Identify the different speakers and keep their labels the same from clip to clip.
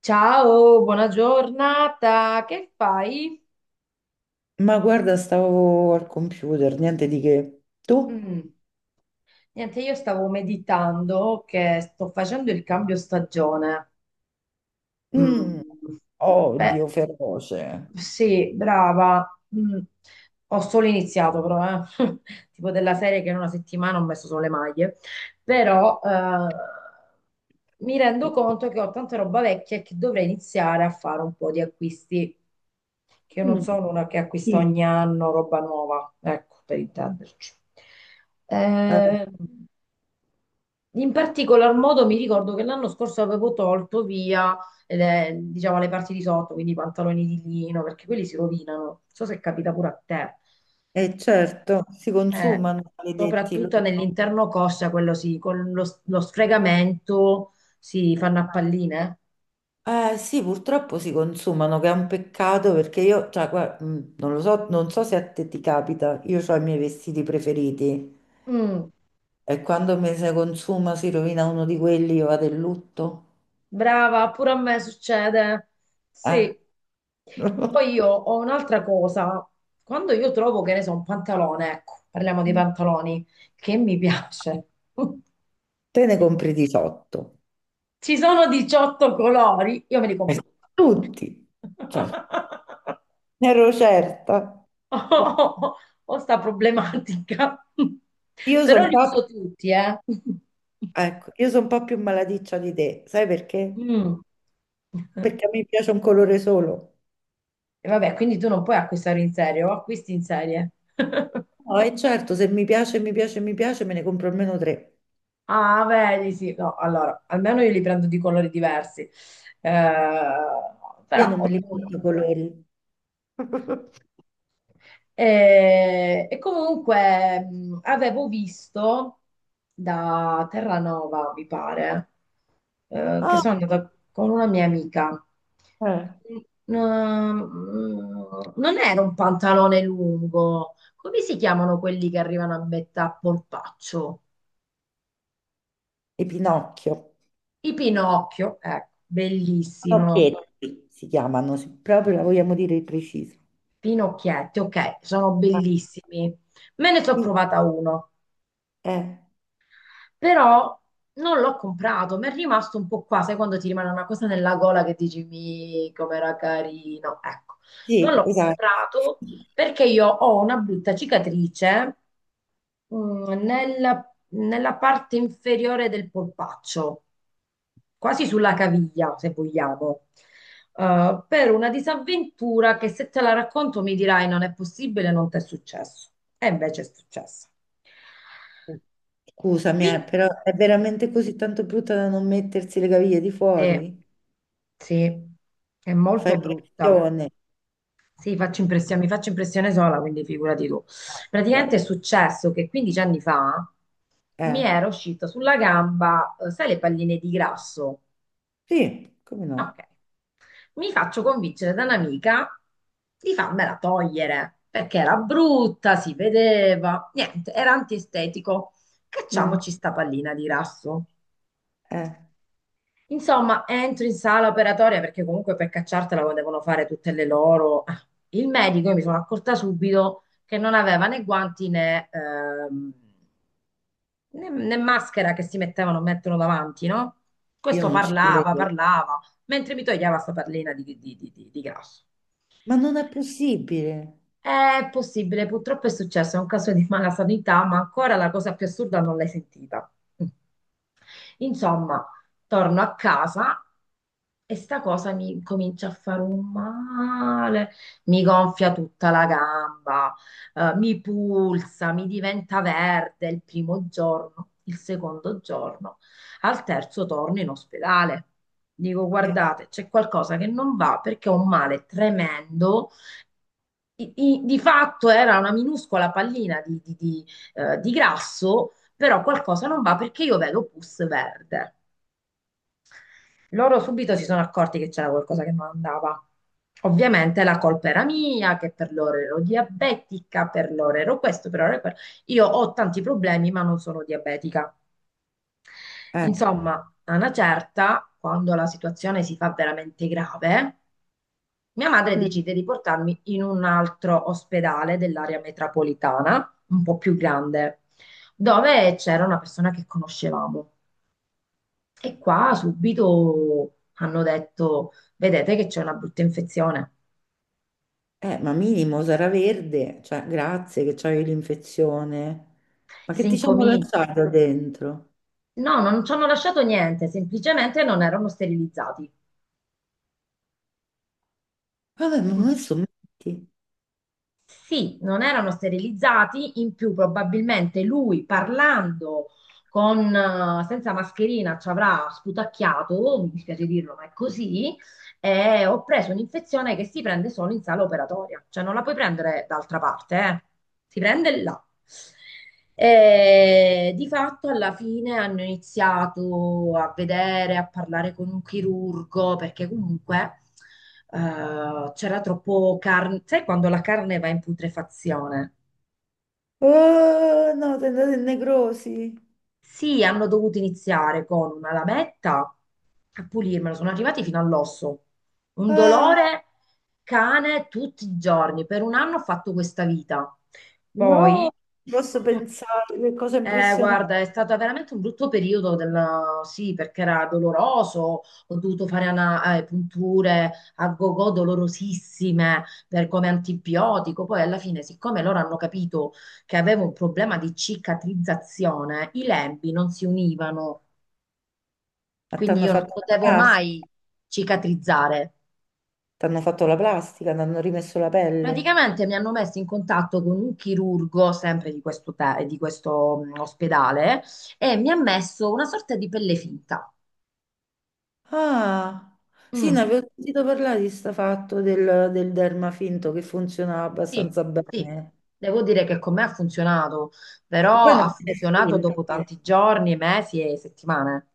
Speaker 1: Ciao, buona giornata, che fai?
Speaker 2: Ma guarda, stavo al computer, niente di che. Tu?
Speaker 1: Mm. Niente, io stavo meditando che sto facendo il cambio stagione.
Speaker 2: Mm,
Speaker 1: Mm. Beh.
Speaker 2: odio feroce.
Speaker 1: Sì, brava. Mm. Ho solo iniziato però, eh. Tipo della serie che in una settimana ho messo solo le maglie. Però mi rendo conto che ho tanta roba vecchia e che dovrei iniziare a fare un po' di acquisti, che io non
Speaker 2: Mm,
Speaker 1: sono una che acquista
Speaker 2: sì.
Speaker 1: ogni anno roba nuova, ecco, per intenderci.
Speaker 2: Eh,
Speaker 1: Eh, In particolar modo mi ricordo che l'anno scorso avevo tolto via, le, diciamo, le parti di sotto, quindi i pantaloni di lino, perché quelli si rovinano. Non so se capita pure a te.
Speaker 2: certo, si
Speaker 1: Eh,
Speaker 2: consumano, maledetti
Speaker 1: Soprattutto
Speaker 2: loro.
Speaker 1: nell'interno coscia, quello sì, con lo sfregamento si fanno a palline.
Speaker 2: Eh sì, purtroppo si consumano, che è un peccato perché io, cioè, non lo so, non so se a te ti capita, io ho i miei vestiti preferiti
Speaker 1: Mm.
Speaker 2: e quando mi si consuma, si rovina uno di quelli, io vado in lutto.
Speaker 1: Brava, pure a me succede.
Speaker 2: Eh?
Speaker 1: Sì. Poi io ho un'altra cosa. Quando io trovo, che ne so, un pantalone, ecco, parliamo dei pantaloni, che mi piace.
Speaker 2: Te ne compri 18.
Speaker 1: Ci sono 18 colori, io me li
Speaker 2: Eh,
Speaker 1: compro tutti.
Speaker 2: Tutti, Cioè, ne ero certa.
Speaker 1: Ho, ho sta problematica.
Speaker 2: Io sono
Speaker 1: Però
Speaker 2: un
Speaker 1: li
Speaker 2: po',
Speaker 1: uso tutti, eh.
Speaker 2: ecco, io sono un po' più malaticcia di te, sai perché?
Speaker 1: Mm.
Speaker 2: Perché a me piace un colore solo.
Speaker 1: E vabbè, quindi tu non puoi acquistare in serie, o acquisti in serie.
Speaker 2: No, e certo, se mi piace, mi piace, mi piace, me ne compro almeno tre.
Speaker 1: Ah, vedi, sì, no, allora, almeno io li prendo di colori diversi, eh,
Speaker 2: Io
Speaker 1: però
Speaker 2: non me li
Speaker 1: ognuno.
Speaker 2: metto i colori.
Speaker 1: E comunque avevo visto da Terranova, mi pare, che
Speaker 2: Ah,
Speaker 1: sono andata con una mia amica.
Speaker 2: eh,
Speaker 1: Non era un pantalone lungo, come si chiamano quelli che arrivano a metà polpaccio?
Speaker 2: E Pinocchio.
Speaker 1: I Pinocchio, ecco, bellissimo.
Speaker 2: Pinocchietti si chiamano, se proprio la vogliamo dire precisa.
Speaker 1: Pinocchietti, ok, sono
Speaker 2: Ah,
Speaker 1: bellissimi. Me ne sono
Speaker 2: sì,
Speaker 1: provata uno,
Speaker 2: Eh,
Speaker 1: però non l'ho comprato, mi è rimasto un po' qua, sai quando ti rimane una cosa nella gola che dici, mi, com'era carino. Ecco, non
Speaker 2: sì,
Speaker 1: l'ho
Speaker 2: esatto.
Speaker 1: comprato perché io ho una brutta cicatrice nella parte inferiore del polpaccio, quasi sulla caviglia, se vogliamo. Per una disavventura che se te la racconto mi dirai non è possibile, non ti è successo. E invece è successo.
Speaker 2: Scusami,
Speaker 1: Quindi,
Speaker 2: però è veramente così tanto brutta da non mettersi le caviglie di
Speaker 1: eh,
Speaker 2: fuori?
Speaker 1: sì, è
Speaker 2: Fai
Speaker 1: molto brutta.
Speaker 2: pressione.
Speaker 1: Sì, faccio impressione, mi faccio impressione sola, quindi figurati tu.
Speaker 2: Ah,
Speaker 1: Praticamente è
Speaker 2: ok.
Speaker 1: successo che 15 anni fa mi
Speaker 2: Eh,
Speaker 1: era uscita sulla gamba, sai, le palline di grasso?
Speaker 2: sì, come
Speaker 1: Ok.
Speaker 2: no?
Speaker 1: Mi faccio convincere da un'amica di farmela togliere perché era brutta, si vedeva, niente, era antiestetico.
Speaker 2: Mm,
Speaker 1: Cacciamoci sta pallina di rasso.
Speaker 2: eh,
Speaker 1: Insomma, entro in sala operatoria perché comunque per cacciartela lo devono fare tutte le loro. Ah. Il medico, io mi sono accorta subito che non aveva né guanti né maschera che si mettevano, mettono davanti, no?
Speaker 2: io
Speaker 1: Questo
Speaker 2: non ci
Speaker 1: parlava,
Speaker 2: credo.
Speaker 1: parlava, mentre mi toglieva sta perlina di, di grasso.
Speaker 2: Ma non è possibile.
Speaker 1: È possibile, purtroppo è successo, è un caso di mala sanità, ma ancora la cosa più assurda non l'hai sentita. Mm. Insomma, torno a casa e sta cosa mi comincia a fare un male, mi gonfia tutta la gamba, mi pulsa, mi diventa verde il primo giorno, il secondo giorno, al terzo torno in ospedale. Dico,
Speaker 2: Eh,
Speaker 1: guardate, c'è qualcosa che non va perché ho un male tremendo di fatto era una minuscola pallina di, di grasso, però qualcosa non va perché io vedo pus verde. Loro subito si sono accorti che c'era qualcosa che non andava. Ovviamente la colpa era mia, che per loro ero diabetica, per loro ero questo, per loro ero quello. Io ho tanti problemi, ma non sono diabetica.
Speaker 2: eh,
Speaker 1: Insomma, a una certa, quando la situazione si fa veramente grave, mia madre
Speaker 2: mm.
Speaker 1: decide di portarmi in un altro ospedale dell'area metropolitana, un po' più grande, dove c'era una persona che conoscevamo. E qua subito hanno detto: vedete che c'è una brutta infezione.
Speaker 2: Ma minimo sarà verde. Cioè, grazie che c'hai l'infezione. Ma
Speaker 1: Si
Speaker 2: che ti ci hanno
Speaker 1: incomincia.
Speaker 2: lasciato dentro?
Speaker 1: No, non ci hanno lasciato niente, semplicemente non erano sterilizzati.
Speaker 2: Vabbè, ma
Speaker 1: Mm.
Speaker 2: adesso metti.
Speaker 1: Sì, non erano sterilizzati, in più probabilmente lui parlando con, senza mascherina ci avrà sputacchiato, mi dispiace dirlo, ma è così, e ho preso un'infezione che si prende solo in sala operatoria, cioè non la puoi prendere d'altra parte, eh. Si prende là. E di fatto alla fine hanno iniziato a vedere, a parlare con un chirurgo, perché comunque c'era troppo carne, sai quando la carne va in putrefazione?
Speaker 2: Oh, no, sei andato in necrosi.
Speaker 1: Sì, hanno dovuto iniziare con una lametta a pulirmelo, sono arrivati fino all'osso. Un
Speaker 2: Ah!
Speaker 1: dolore cane tutti i giorni. Per un anno ho fatto questa vita. Poi,
Speaker 2: No, posso
Speaker 1: mm,
Speaker 2: pensare, che cosa impressionante.
Speaker 1: guarda, è stato veramente un brutto periodo della... Sì, perché era doloroso, ho dovuto fare punture a gogo dolorosissime per come antibiotico. Poi alla fine, siccome loro hanno capito che avevo un problema di cicatrizzazione, i lembi non si univano,
Speaker 2: Ma ti
Speaker 1: quindi
Speaker 2: hanno
Speaker 1: io non
Speaker 2: fatto la
Speaker 1: potevo
Speaker 2: plastica,
Speaker 1: mai cicatrizzare.
Speaker 2: t'hanno fatto la plastica, ti hanno rimesso la pelle.
Speaker 1: Praticamente mi hanno messo in contatto con un chirurgo, sempre di questo, di questo ospedale, e mi ha messo una sorta di pelle finta.
Speaker 2: Ah, sì, ne
Speaker 1: Mm.
Speaker 2: avevo sentito parlare di sta fatto del derma finto che funzionava
Speaker 1: Sì,
Speaker 2: abbastanza
Speaker 1: sì,
Speaker 2: bene.
Speaker 1: devo dire che con me ha funzionato,
Speaker 2: E
Speaker 1: però
Speaker 2: poi non
Speaker 1: ha
Speaker 2: è
Speaker 1: funzionato
Speaker 2: finta,
Speaker 1: dopo
Speaker 2: eh.
Speaker 1: tanti giorni, mesi e settimane.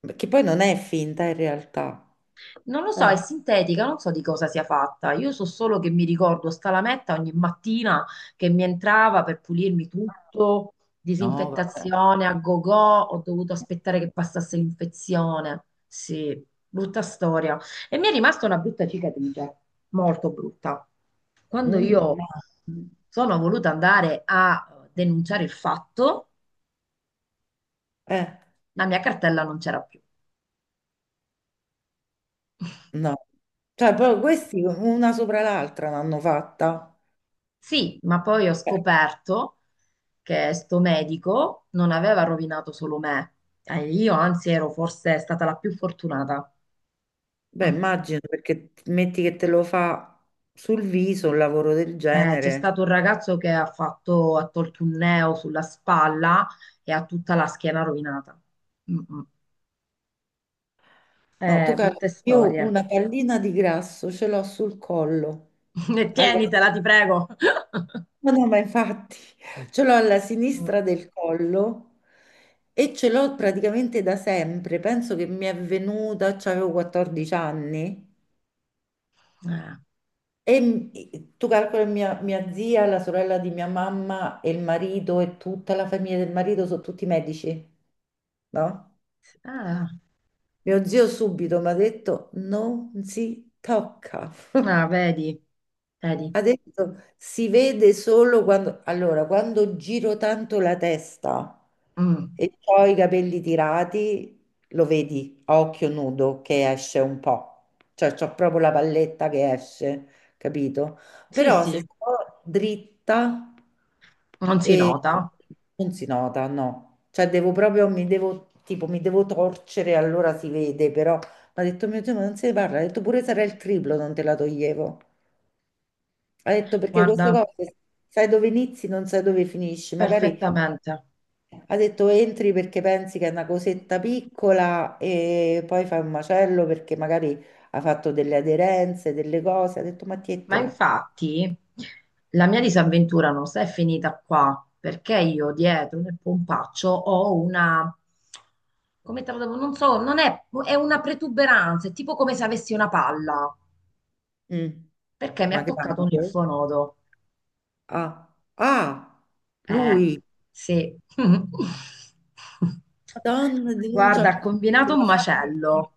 Speaker 2: Perché poi non è finta in realtà.
Speaker 1: Non lo so, è
Speaker 2: Eh,
Speaker 1: sintetica, non so di cosa sia fatta. Io so solo che mi ricordo sta lametta ogni mattina che mi entrava per pulirmi tutto,
Speaker 2: No, vabbè.
Speaker 1: disinfettazione a go-go, ho dovuto aspettare che passasse l'infezione. Sì, brutta storia. E mi è rimasta una brutta cicatrice, molto brutta. Quando
Speaker 2: Mm, no.
Speaker 1: io sono voluta andare a denunciare il fatto,
Speaker 2: Eh,
Speaker 1: la mia cartella non c'era più.
Speaker 2: no. Cioè, proprio questi una sopra l'altra l'hanno fatta.
Speaker 1: Sì, ma poi ho
Speaker 2: Eh,
Speaker 1: scoperto che sto medico non aveva rovinato solo me. Io anzi ero forse stata la più fortunata.
Speaker 2: Beh,
Speaker 1: Mm.
Speaker 2: immagino perché t- metti che te lo fa sul viso un lavoro del
Speaker 1: C'è
Speaker 2: genere.
Speaker 1: stato un ragazzo che ha fatto, ha tolto un neo sulla spalla e ha tutta la schiena rovinata. Mm, mm.
Speaker 2: No, tu calcoli,
Speaker 1: Brutte
Speaker 2: io
Speaker 1: storie.
Speaker 2: una pallina di grasso ce l'ho sul collo.
Speaker 1: E
Speaker 2: Allora,
Speaker 1: tienitela, ti prego.
Speaker 2: no, no, ma infatti ce l'ho alla
Speaker 1: Mm.
Speaker 2: sinistra del collo e ce l'ho praticamente da sempre. Penso che mi è venuta, avevo 14 anni.
Speaker 1: Eh,
Speaker 2: E m- tu calcoli mia zia, la sorella di mia mamma e il marito e tutta la famiglia del marito sono tutti medici, no?
Speaker 1: ah,
Speaker 2: Mio zio subito mi ha detto non si tocca.
Speaker 1: ah, vedi, vedi.
Speaker 2: Adesso si vede solo quando, allora, quando giro tanto la testa
Speaker 1: Mm.
Speaker 2: e ho i capelli tirati, lo vedi a occhio nudo che esce un po', cioè c'ho proprio la palletta che esce, capito?
Speaker 1: Sì,
Speaker 2: Però se
Speaker 1: sì,
Speaker 2: sto dritta
Speaker 1: non si
Speaker 2: e
Speaker 1: nota.
Speaker 2: non si nota, no. Cioè devo proprio, mi devo, tipo, mi devo torcere, allora si vede, però mi ha detto mio Dio, ma non se ne parla, ha detto pure sarà il triplo, non te la toglievo. Ha detto perché queste
Speaker 1: Guarda,
Speaker 2: cose sai dove inizi, non sai dove finisci. Magari
Speaker 1: perfettamente.
Speaker 2: ha detto entri perché pensi che è una cosetta piccola e poi fai un macello perché magari ha fatto delle aderenze, delle cose. Ha detto ma
Speaker 1: Ma
Speaker 2: tientela.
Speaker 1: infatti la mia disavventura non si è finita qua, perché io dietro nel pompaccio ho una, come te lo devo, non so, non è, è una protuberanza, è tipo come se avessi una palla,
Speaker 2: Mm,
Speaker 1: perché mi
Speaker 2: ma
Speaker 1: ha toccato un
Speaker 2: grave.
Speaker 1: linfonodo.
Speaker 2: Ah, ah,
Speaker 1: Eh,
Speaker 2: lui,
Speaker 1: sì.
Speaker 2: Madonna,
Speaker 1: Guarda, ha
Speaker 2: denuncia
Speaker 1: combinato un
Speaker 2: sulla faccia.
Speaker 1: macello.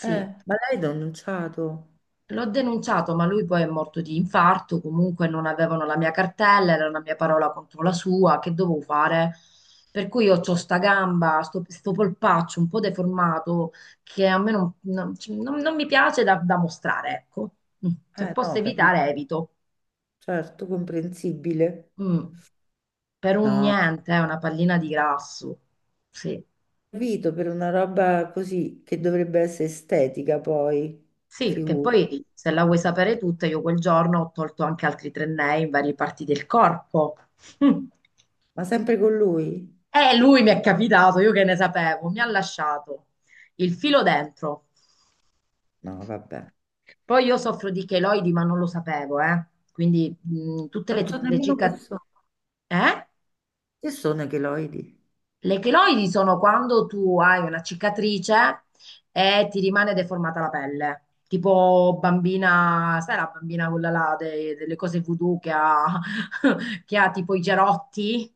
Speaker 2: Ma lei ha denunciato?
Speaker 1: L'ho denunciato, ma lui poi è morto di infarto, comunque non avevano la mia cartella, era una mia parola contro la sua, che dovevo fare? Per cui io ho sta gamba, sto polpaccio un po' deformato che a me cioè, non mi piace da mostrare, ecco. Mm. Se
Speaker 2: Eh,
Speaker 1: posso
Speaker 2: no, capi-
Speaker 1: evitare, evito.
Speaker 2: certo, comprensibile.
Speaker 1: Mm. Per un
Speaker 2: No.
Speaker 1: niente, è una pallina di grasso. Sì.
Speaker 2: Servito per una roba così che dovrebbe essere estetica poi,
Speaker 1: Sì, che poi
Speaker 2: figurati.
Speaker 1: se la vuoi sapere tutta, io quel giorno ho tolto anche altri tre nei in varie parti del corpo.
Speaker 2: Ma sempre con lui?
Speaker 1: E lui mi è capitato, io che ne sapevo, mi ha lasciato il filo dentro.
Speaker 2: No, vabbè.
Speaker 1: Poi io soffro di cheloidi, ma non lo sapevo, eh. Quindi tutte le,
Speaker 2: Non so
Speaker 1: le
Speaker 2: nemmeno
Speaker 1: cicatrici...
Speaker 2: persone.
Speaker 1: Eh?
Speaker 2: Che sono i cheloidi?
Speaker 1: Le cheloidi sono quando tu hai una cicatrice e ti rimane deformata la pelle. Tipo bambina, sai la bambina quella là delle cose voodoo che ha, che ha tipo i gerotti?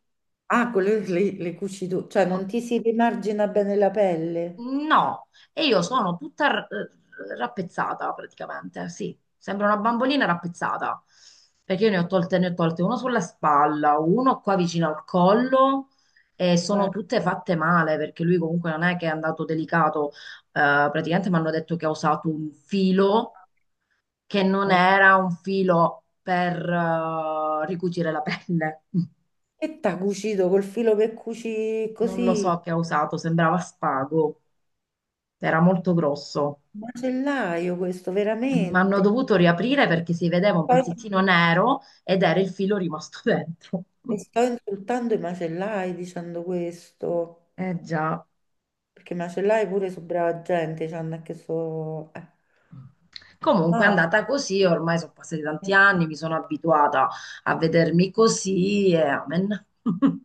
Speaker 2: Ah, con le cucito, cioè
Speaker 1: No.
Speaker 2: non ti si rimargina bene la pelle.
Speaker 1: No, e io sono tutta rappezzata praticamente, sì, sembra una bambolina rappezzata, perché io ne ho tolte uno sulla spalla, uno qua vicino al collo e sono
Speaker 2: Eh,
Speaker 1: tutte fatte male, perché lui comunque non è che è andato delicato. Praticamente mi hanno detto che ha usato un filo che non
Speaker 2: eh.
Speaker 1: era un filo per ricucire la pelle,
Speaker 2: Che t'ha cucito col filo per cuci
Speaker 1: non lo
Speaker 2: così?
Speaker 1: so che ha usato, sembrava spago, era molto grosso.
Speaker 2: Macellaio questo,
Speaker 1: Mi hanno
Speaker 2: veramente.
Speaker 1: dovuto riaprire perché si vedeva un
Speaker 2: Poi,
Speaker 1: pezzettino nero ed era il filo rimasto dentro.
Speaker 2: e sto insultando i macellai dicendo questo.
Speaker 1: Eh già.
Speaker 2: Perché macellai pure su brava gente, cioè non è che so....
Speaker 1: Comunque è
Speaker 2: No,
Speaker 1: andata così, ormai sono passati tanti anni, mi sono abituata a vedermi così e amen.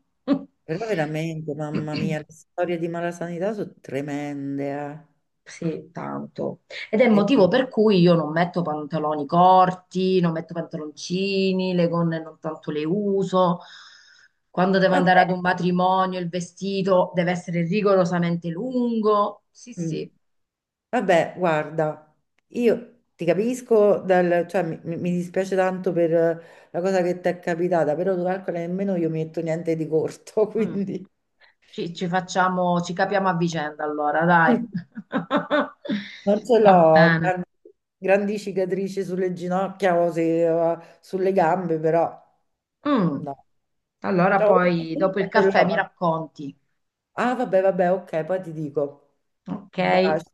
Speaker 2: però veramente, mamma mia, le storie di malasanità sono tremende.
Speaker 1: Sì, tanto. Ed è il
Speaker 2: Eh.
Speaker 1: motivo per cui io non metto pantaloni corti, non metto pantaloncini, le gonne non tanto le uso. Quando devo andare
Speaker 2: Vabbè,
Speaker 1: ad un matrimonio, il vestito deve essere rigorosamente lungo. Sì,
Speaker 2: mm,
Speaker 1: sì.
Speaker 2: vabbè, guarda, io ti capisco, cioè, mi dispiace tanto per la cosa che ti è capitata, però tu calcola che nemmeno io mi metto niente di corto,
Speaker 1: Mm.
Speaker 2: quindi...
Speaker 1: Ci capiamo a vicenda allora, dai.
Speaker 2: Non ce
Speaker 1: Va
Speaker 2: l'ho,
Speaker 1: bene.
Speaker 2: grandi cicatrici sulle ginocchia o sulle gambe, però
Speaker 1: Mm.
Speaker 2: no.
Speaker 1: Allora
Speaker 2: Cioè,
Speaker 1: poi
Speaker 2: io
Speaker 1: dopo il
Speaker 2: ce l'ho,
Speaker 1: caffè mi
Speaker 2: ma-
Speaker 1: racconti,
Speaker 2: Ah, vabbè, vabbè, ok, poi ti dico.
Speaker 1: ok?
Speaker 2: Baci.